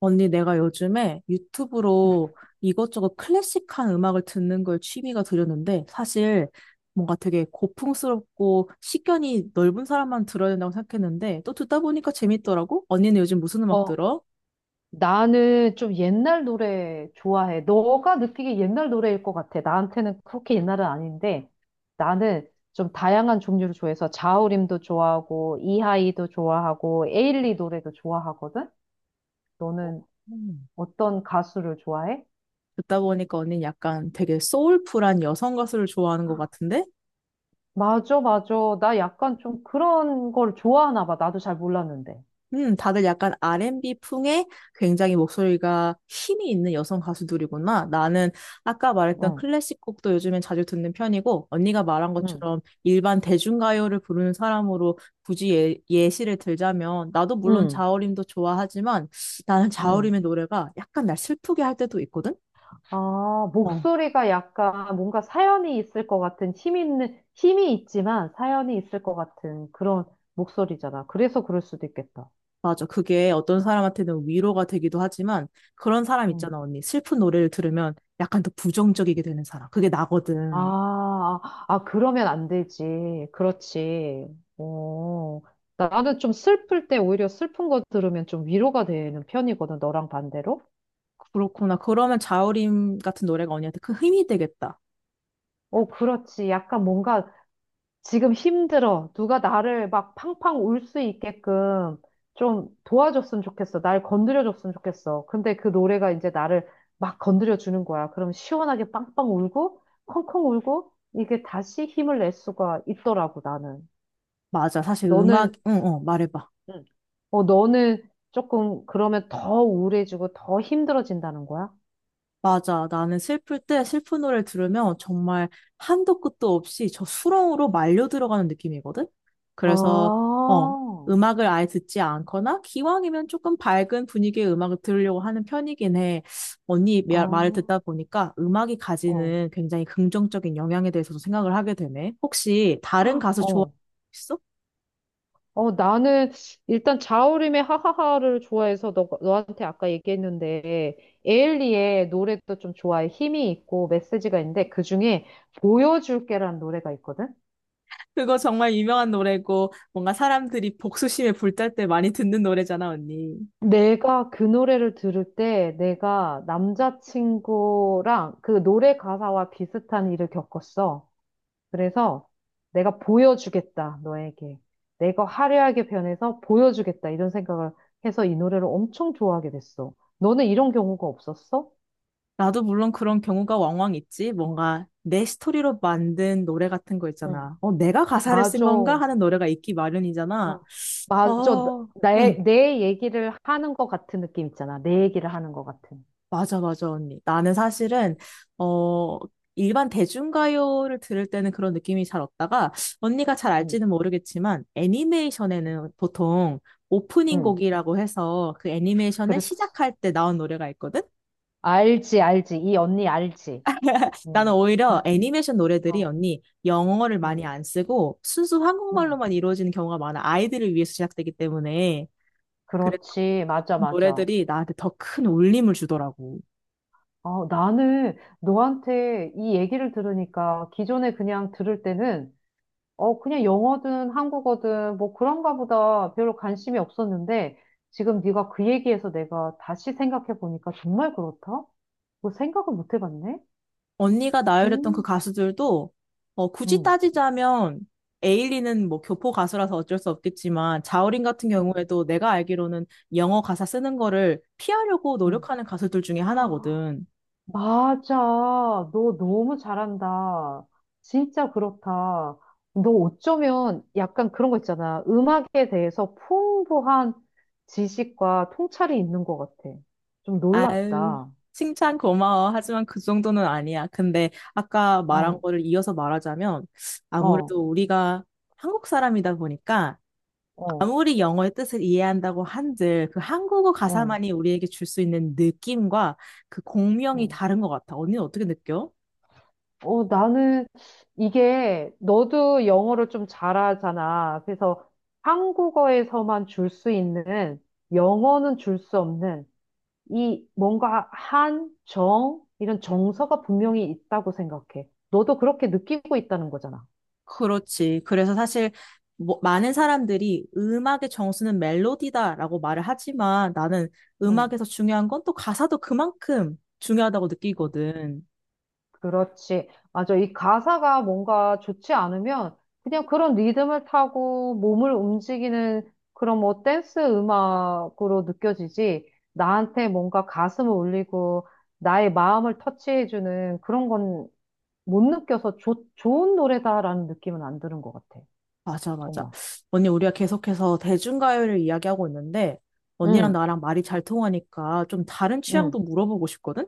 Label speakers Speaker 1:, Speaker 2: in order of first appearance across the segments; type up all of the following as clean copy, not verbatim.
Speaker 1: 언니, 내가 요즘에 유튜브로 이것저것 클래식한 음악을 듣는 걸 취미가 들였는데, 사실 뭔가 되게 고풍스럽고 식견이 넓은 사람만 들어야 된다고 생각했는데, 또 듣다 보니까 재밌더라고? 언니는 요즘 무슨 음악
Speaker 2: 어,
Speaker 1: 들어?
Speaker 2: 나는 좀 옛날 노래 좋아해. 너가 느끼기 옛날 노래일 것 같아. 나한테는 그렇게 옛날은 아닌데, 나는 좀 다양한 종류를 좋아해서 자우림도 좋아하고, 이하이도 좋아하고, 에일리 노래도 좋아하거든? 너는
Speaker 1: 음.
Speaker 2: 어떤 가수를 좋아해?
Speaker 1: 듣다 보니까 언니는 약간 되게 소울풀한 여성 가수를 좋아하는 것 같은데?
Speaker 2: 맞아, 맞아. 나 약간 좀 그런 걸 좋아하나 봐. 나도 잘 몰랐는데.
Speaker 1: 다들 약간 R&B 풍의 굉장히 목소리가 힘이 있는 여성 가수들이구나. 나는 아까 말했던
Speaker 2: 응,
Speaker 1: 클래식 곡도 요즘엔 자주 듣는 편이고, 언니가 말한
Speaker 2: 응,
Speaker 1: 것처럼 일반 대중가요를 부르는 사람으로 굳이 예시를 들자면, 나도 물론
Speaker 2: 응,
Speaker 1: 자우림도 좋아하지만, 나는
Speaker 2: 응.
Speaker 1: 자우림의 노래가 약간 날 슬프게 할 때도 있거든?
Speaker 2: 아,
Speaker 1: 어.
Speaker 2: 목소리가 약간 뭔가 사연이 있을 것 같은 힘 있는, 힘이 있지만 사연이 있을 것 같은 그런 목소리잖아. 그래서 그럴 수도 있겠다.
Speaker 1: 맞아. 그게 어떤 사람한테는 위로가 되기도 하지만, 그런 사람
Speaker 2: 음.
Speaker 1: 있잖아, 언니. 슬픈 노래를 들으면 약간 더 부정적이게 되는 사람. 그게
Speaker 2: 아,
Speaker 1: 나거든.
Speaker 2: 아, 아, 그러면 안 되지. 그렇지. 어, 나는 좀 슬플 때 오히려 슬픈 거 들으면 좀 위로가 되는 편이거든, 너랑 반대로.
Speaker 1: 그렇구나. 그러면 자우림 같은 노래가 언니한테 큰 힘이 되겠다.
Speaker 2: 어, 그렇지. 약간 뭔가 지금 힘들어. 누가 나를 막 팡팡 울 수 있게끔 좀 도와줬으면 좋겠어. 날 건드려줬으면 좋겠어. 근데 그 노래가 이제 나를 막 건드려주는 거야. 그럼 시원하게 빵빵 울고, 콩콩 울고, 이게 다시 힘을 낼 수가 있더라고, 나는.
Speaker 1: 맞아. 사실 음악,
Speaker 2: 너는,
Speaker 1: 응, 말해봐.
Speaker 2: 응. 너는 조금 그러면 더 우울해지고 더 힘들어진다는 거야?
Speaker 1: 맞아. 나는 슬플 때 슬픈 노래를 들으면 정말 한도 끝도 없이 저 수렁으로 말려 들어가는 느낌이거든? 그래서,
Speaker 2: 아,
Speaker 1: 어, 음악을 아예 듣지 않거나 기왕이면 조금 밝은 분위기의 음악을 들으려고 하는 편이긴 해. 언니
Speaker 2: 아,
Speaker 1: 말을 듣다 보니까 음악이
Speaker 2: 어,
Speaker 1: 가지는 굉장히 긍정적인 영향에 대해서도 생각을 하게 되네. 혹시 다른 가수 좋아하
Speaker 2: 어.
Speaker 1: 있어?
Speaker 2: 나는 일단 자우림의 하하하를 좋아해서 너한테 아까 얘기했는데 에일리의 노래도 좀 좋아해. 힘이 있고 메시지가 있는데 그중에 보여줄게라는 노래가 있거든.
Speaker 1: 그거 정말 유명한 노래고 뭔가 사람들이 복수심에 불탈 때 많이 듣는 노래잖아, 언니.
Speaker 2: 내가 그 노래를 들을 때 내가 남자친구랑 그 노래 가사와 비슷한 일을 겪었어. 그래서 내가 보여주겠다, 너에게. 내가 화려하게 변해서 보여주겠다, 이런 생각을 해서 이 노래를 엄청 좋아하게 됐어. 너는 이런 경우가 없었어?
Speaker 1: 나도 물론 그런 경우가 왕왕 있지. 뭔가 내 스토리로 만든 노래 같은 거 있잖아.
Speaker 2: 응.
Speaker 1: 내가 가사를 쓴
Speaker 2: 맞아.
Speaker 1: 건가 하는 노래가 있기 마련이잖아.
Speaker 2: 막 맞아.
Speaker 1: 어, 응.
Speaker 2: 나의, 내 얘기를 하는 것 같은 느낌 있잖아. 내 얘기를 하는 것 같은.
Speaker 1: 맞아, 맞아, 언니. 나는 사실은,
Speaker 2: 응.
Speaker 1: 어, 일반 대중가요를 들을 때는 그런 느낌이 잘 없다가, 언니가 잘
Speaker 2: 응.
Speaker 1: 알지는 모르겠지만,
Speaker 2: 응.
Speaker 1: 애니메이션에는 보통 오프닝
Speaker 2: 응,
Speaker 1: 곡이라고 해서 그 애니메이션에
Speaker 2: 그렇지.
Speaker 1: 시작할 때 나온 노래가 있거든?
Speaker 2: 알지, 알지. 이 언니 알지.
Speaker 1: 나는
Speaker 2: 응.
Speaker 1: 오히려 애니메이션 노래들이
Speaker 2: 어,
Speaker 1: 언니 영어를 많이
Speaker 2: 응,
Speaker 1: 안 쓰고 순수
Speaker 2: 응.
Speaker 1: 한국말로만 이루어지는 경우가 많아. 아이들을 위해서 제작되기 때문에. 그래서
Speaker 2: 그렇지. 맞아,
Speaker 1: 그런
Speaker 2: 맞아.
Speaker 1: 노래들이 나한테 더 큰 울림을 주더라고.
Speaker 2: 나는 너한테 이 얘기를 들으니까 기존에 그냥 들을 때는 어, 그냥 영어든 한국어든 뭐 그런가 보다 별로 관심이 없었는데 지금 네가 그 얘기해서 내가 다시 생각해 보니까 정말 그렇다? 뭐 생각을 못 해봤네? 음,
Speaker 1: 언니가 나열했던 그
Speaker 2: 음,
Speaker 1: 가수들도 굳이
Speaker 2: 음,
Speaker 1: 따지자면 에일리는 뭐 교포 가수라서 어쩔 수 없겠지만 자우림 같은
Speaker 2: 음.
Speaker 1: 경우에도 내가 알기로는 영어 가사 쓰는 거를 피하려고
Speaker 2: 음.
Speaker 1: 노력하는 가수들 중에
Speaker 2: 아,
Speaker 1: 하나거든.
Speaker 2: 맞아. 너 너무 잘한다. 진짜 그렇다. 너 어쩌면 약간 그런 거 있잖아. 음악에 대해서 풍부한 지식과 통찰이 있는 것 같아. 좀
Speaker 1: 아유,
Speaker 2: 놀랍다.
Speaker 1: 칭찬 고마워. 하지만 그 정도는 아니야. 근데 아까 말한
Speaker 2: 어,
Speaker 1: 거를 이어서 말하자면
Speaker 2: 어,
Speaker 1: 아무래도 우리가 한국 사람이다 보니까
Speaker 2: 어.
Speaker 1: 아무리 영어의 뜻을 이해한다고 한들 그 한국어
Speaker 2: 어,
Speaker 1: 가사만이 우리에게 줄 수 있는 느낌과 그 공명이
Speaker 2: 어.
Speaker 1: 다른 것 같아. 언니는 어떻게 느껴?
Speaker 2: 나는 이게 너도 영어를 좀 잘하잖아. 그래서 한국어에서만 줄 수 있는 영어는 줄 수 없는 이 뭔가 한, 정, 이런 정서가 분명히 있다고 생각해. 너도 그렇게 느끼고 있다는 거잖아.
Speaker 1: 그렇지. 그래서 사실 뭐, 많은 사람들이 음악의 정수는 멜로디다라고 말을 하지만 나는
Speaker 2: 응.
Speaker 1: 음악에서 중요한 건 또 가사도 그만큼 중요하다고 느끼거든.
Speaker 2: 그렇지. 맞아. 이 가사가 뭔가 좋지 않으면 그냥 그런 리듬을 타고 몸을 움직이는 그런 뭐 댄스 음악으로 느껴지지. 나한테 뭔가 가슴을 울리고 나의 마음을 터치해주는 그런 건 못 느껴서 좋 좋은 노래다라는 느낌은 안 드는 것 같아.
Speaker 1: 맞아, 맞아.
Speaker 2: 정말.
Speaker 1: 언니, 우리가 계속해서 대중가요를 이야기하고 있는데 언니랑
Speaker 2: 응,
Speaker 1: 나랑 말이 잘 통하니까 좀 다른
Speaker 2: 응.
Speaker 1: 취향도 물어보고 싶거든?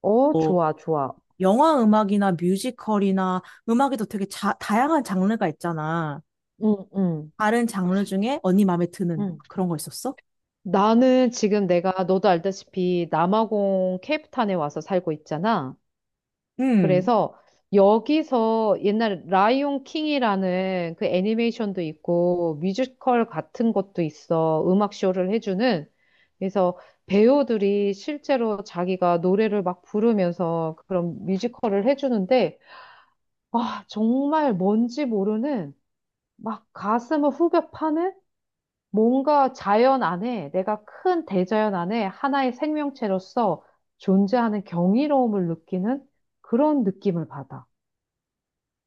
Speaker 2: 어,
Speaker 1: 뭐
Speaker 2: 좋아, 좋아.
Speaker 1: 영화 음악이나 뮤지컬이나 음악에도 되게 다양한 장르가 있잖아.
Speaker 2: 응, 응,
Speaker 1: 다른 장르 중에 언니 마음에 드는
Speaker 2: 응.
Speaker 1: 그런 거 있었어?
Speaker 2: 나는 지금 내가 너도 알다시피 남아공 케이프타운에 와서 살고 있잖아.
Speaker 1: 음,
Speaker 2: 그래서 여기서 옛날 라이온 킹이라는 그 애니메이션도 있고 뮤지컬 같은 것도 있어. 음악 쇼를 해주는. 그래서 배우들이 실제로 자기가 노래를 막 부르면서 그런 뮤지컬을 해주는데 아, 정말 뭔지 모르는 막 가슴을 후벼 파는 뭔가 자연 안에 내가 큰 대자연 안에 하나의 생명체로서 존재하는 경이로움을 느끼는 그런 느낌을 받아.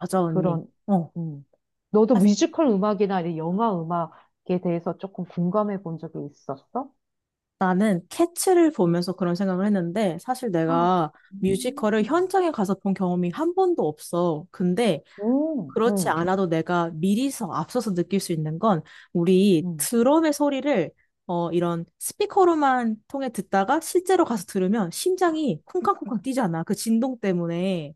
Speaker 1: 맞아, 언니.
Speaker 2: 그런,
Speaker 1: 어.
Speaker 2: 음. 너도
Speaker 1: 아,
Speaker 2: 뮤지컬 음악이나 이 영화 음악에 대해서 조금 공감해 본 적이 있었어?
Speaker 1: 나는 캐츠를 보면서 그런 생각을 했는데, 사실
Speaker 2: 아,
Speaker 1: 내가 뮤지컬을
Speaker 2: 음.
Speaker 1: 현장에 가서 본 경험이 한 번도 없어. 근데 그렇지
Speaker 2: 응,
Speaker 1: 않아도 내가 미리서 앞서서 느낄 수 있는 건 우리
Speaker 2: 응.
Speaker 1: 드럼의 소리를 이런 스피커로만 통해 듣다가 실제로 가서 들으면 심장이 쿵쾅쿵쾅 뛰잖아. 그 진동 때문에.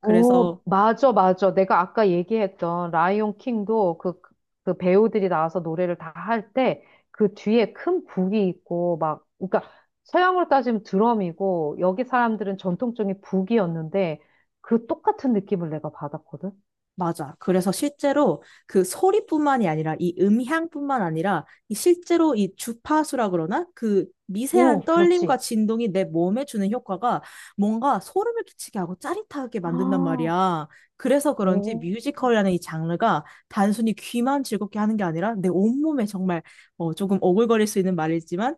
Speaker 1: 그래서
Speaker 2: 오, 맞아, 맞아. 내가 아까 얘기했던 라이온 킹도 그, 그 배우들이 나와서 노래를 다 할 때 그 뒤에 큰 북이 있고 막, 그러니까 서양으로 따지면 드럼이고 여기 사람들은 전통적인 북이었는데 그 똑같은 느낌을 내가 받았거든.
Speaker 1: 맞아. 그래서 실제로 그 소리뿐만이 아니라 이 음향뿐만 아니라 이 실제로 이 주파수라 그러나 그
Speaker 2: 오,
Speaker 1: 미세한 떨림과
Speaker 2: 그렇지.
Speaker 1: 진동이 내 몸에 주는 효과가 뭔가 소름을 끼치게 하고 짜릿하게 만든단
Speaker 2: 아,
Speaker 1: 말이야. 그래서 그런지
Speaker 2: 오,
Speaker 1: 뮤지컬이라는 이 장르가 단순히 귀만 즐겁게 하는 게 아니라 내 온몸에 정말 조금 오글거릴 수 있는 말이지만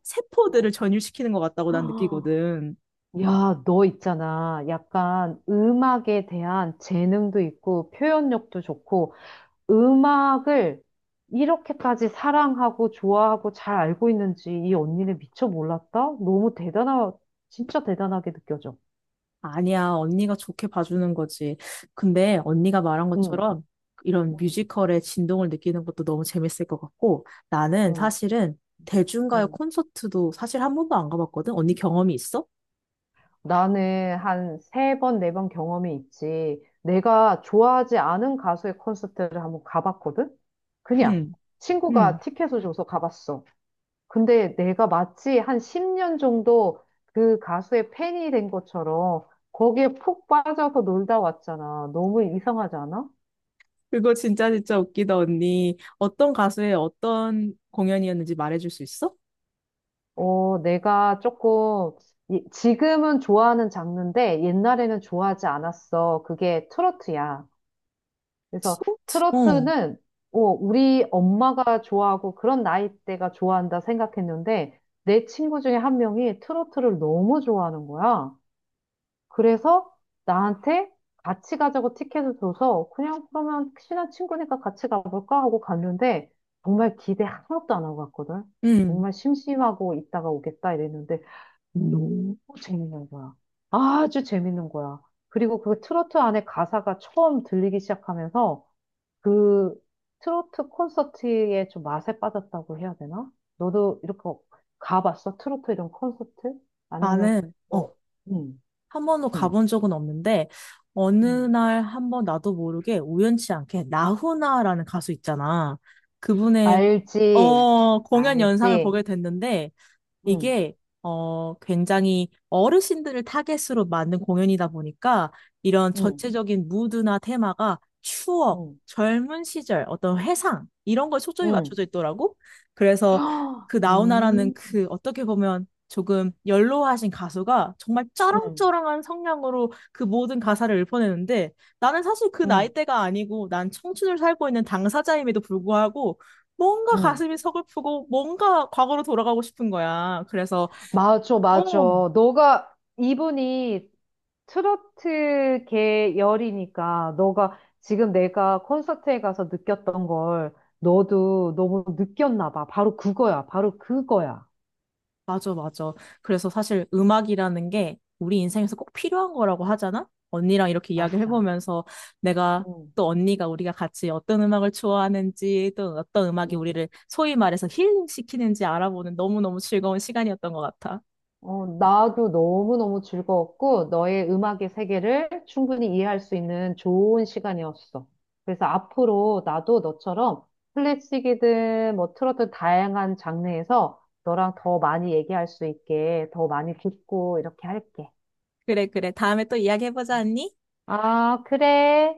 Speaker 2: 어.
Speaker 1: 세포들을 전율시키는 것 같다고 난 느끼거든.
Speaker 2: 야, 너 있잖아. 약간 음악에 대한 재능도 있고 표현력도 좋고 음악을 이렇게까지 사랑하고 좋아하고 잘 알고 있는지 이 언니는 미처 몰랐다? 진짜 대단하게 느껴져.
Speaker 1: 아니야, 언니가 좋게 봐주는 거지. 근데 언니가 말한
Speaker 2: 응,
Speaker 1: 것처럼 이런 뮤지컬의 진동을 느끼는 것도 너무 재밌을 것 같고 나는
Speaker 2: 응,
Speaker 1: 사실은 대중가요
Speaker 2: 응.
Speaker 1: 콘서트도 사실 한 번도 안 가봤거든. 언니 경험이 있어?
Speaker 2: 나는 한 세 번, 네 번 경험이 있지. 내가 좋아하지 않은 가수의 콘서트를 한번 가봤거든? 그냥
Speaker 1: 응,
Speaker 2: 친구가
Speaker 1: 응.
Speaker 2: 티켓을 줘서 가봤어. 근데 내가 마치 한 10년 정도 그 가수의 팬이 된 것처럼 거기에 푹 빠져서 놀다 왔잖아. 너무 이상하지 않아?
Speaker 1: 그거 진짜 진짜 웃기다, 언니. 어떤 가수의 어떤 공연이었는지 말해줄 수 있어?
Speaker 2: 어, 내가 조금, 지금은 좋아하는 장르인데 옛날에는 좋아하지 않았어. 그게 트로트야. 그래서
Speaker 1: 소트? 어,
Speaker 2: 트로트는 어, 우리 엄마가 좋아하고 그런 나이대가 좋아한다 생각했는데 내 친구 중에 한 명이 트로트를 너무 좋아하는 거야. 그래서 나한테 같이 가자고 티켓을 줘서 그냥 그러면 친한 친구니까 같이 가볼까 하고 갔는데 정말 기대 하나도 안 하고 갔거든.
Speaker 1: 응.
Speaker 2: 정말 심심하고 있다가 오겠다 이랬는데 너무 재밌는 거야. 아주 재밌는 거야. 그리고 그 트로트 안에 가사가 처음 들리기 시작하면서 그 트로트 콘서트에 좀 맛에 빠졌다고 해야 되나? 너도 이렇게 가봤어? 트로트 이런 콘서트? 아니면
Speaker 1: 나는,
Speaker 2: 뭐, 음,
Speaker 1: 한 번도
Speaker 2: 음,
Speaker 1: 가본 적은 없는데 어느
Speaker 2: 음.
Speaker 1: 날 한번 나도 모르게 우연치 않게 나훈아라는 가수 있잖아. 그분의
Speaker 2: 알지,
Speaker 1: 공연 영상을
Speaker 2: 알지.
Speaker 1: 보게 됐는데
Speaker 2: 응,
Speaker 1: 이게 굉장히 어르신들을 타겟으로 만든 공연이다 보니까 이런
Speaker 2: 응,
Speaker 1: 전체적인 무드나 테마가 추억,
Speaker 2: 응,
Speaker 1: 젊은 시절, 어떤 회상 이런 거에 초점이
Speaker 2: 응.
Speaker 1: 맞춰져 있더라고. 그래서
Speaker 2: 헉,
Speaker 1: 그 나훈아라는 그 어떻게 보면 조금 연로하신 가수가 정말
Speaker 2: 응,
Speaker 1: 쩌렁쩌렁한 성량으로 그 모든 가사를 읊어내는데 나는 사실 그
Speaker 2: 응,
Speaker 1: 나이대가 아니고 난 청춘을 살고 있는 당사자임에도 불구하고 뭔가
Speaker 2: 응.
Speaker 1: 가슴이 서글프고 뭔가 과거로 돌아가고 싶은 거야. 그래서
Speaker 2: 맞아, 맞아.
Speaker 1: 어,
Speaker 2: 너가, 이분이 트로트 계 열이니까, 너가 지금 내가 콘서트에 가서 느꼈던 걸 너도 너무 느꼈나 봐. 바로 그거야, 바로 그거야.
Speaker 1: 맞아, 맞아. 그래서 사실 음악이라는 게 우리 인생에서 꼭 필요한 거라고 하잖아? 언니랑 이렇게 이야기를
Speaker 2: 맞아.
Speaker 1: 해보면서 내가
Speaker 2: 응,
Speaker 1: 또 언니가 우리가 같이 어떤 음악을 좋아하는지 또 어떤 음악이
Speaker 2: 응,
Speaker 1: 우리를 소위 말해서 힐링시키는지 알아보는 너무너무 즐거운 시간이었던 것 같아.
Speaker 2: 나도 너무너무 즐거웠고, 너의 음악의 세계를 충분히 이해할 수 있는 좋은 시간이었어. 그래서 앞으로 나도 너처럼 클래식이든 뭐 트로트 다양한 장르에서 너랑 더 많이 얘기할 수 있게, 더 많이 듣고 이렇게 할게.
Speaker 1: 그래, 그래. 다음에 또 이야기해보자,
Speaker 2: 음.
Speaker 1: 언니.
Speaker 2: 아, 그래.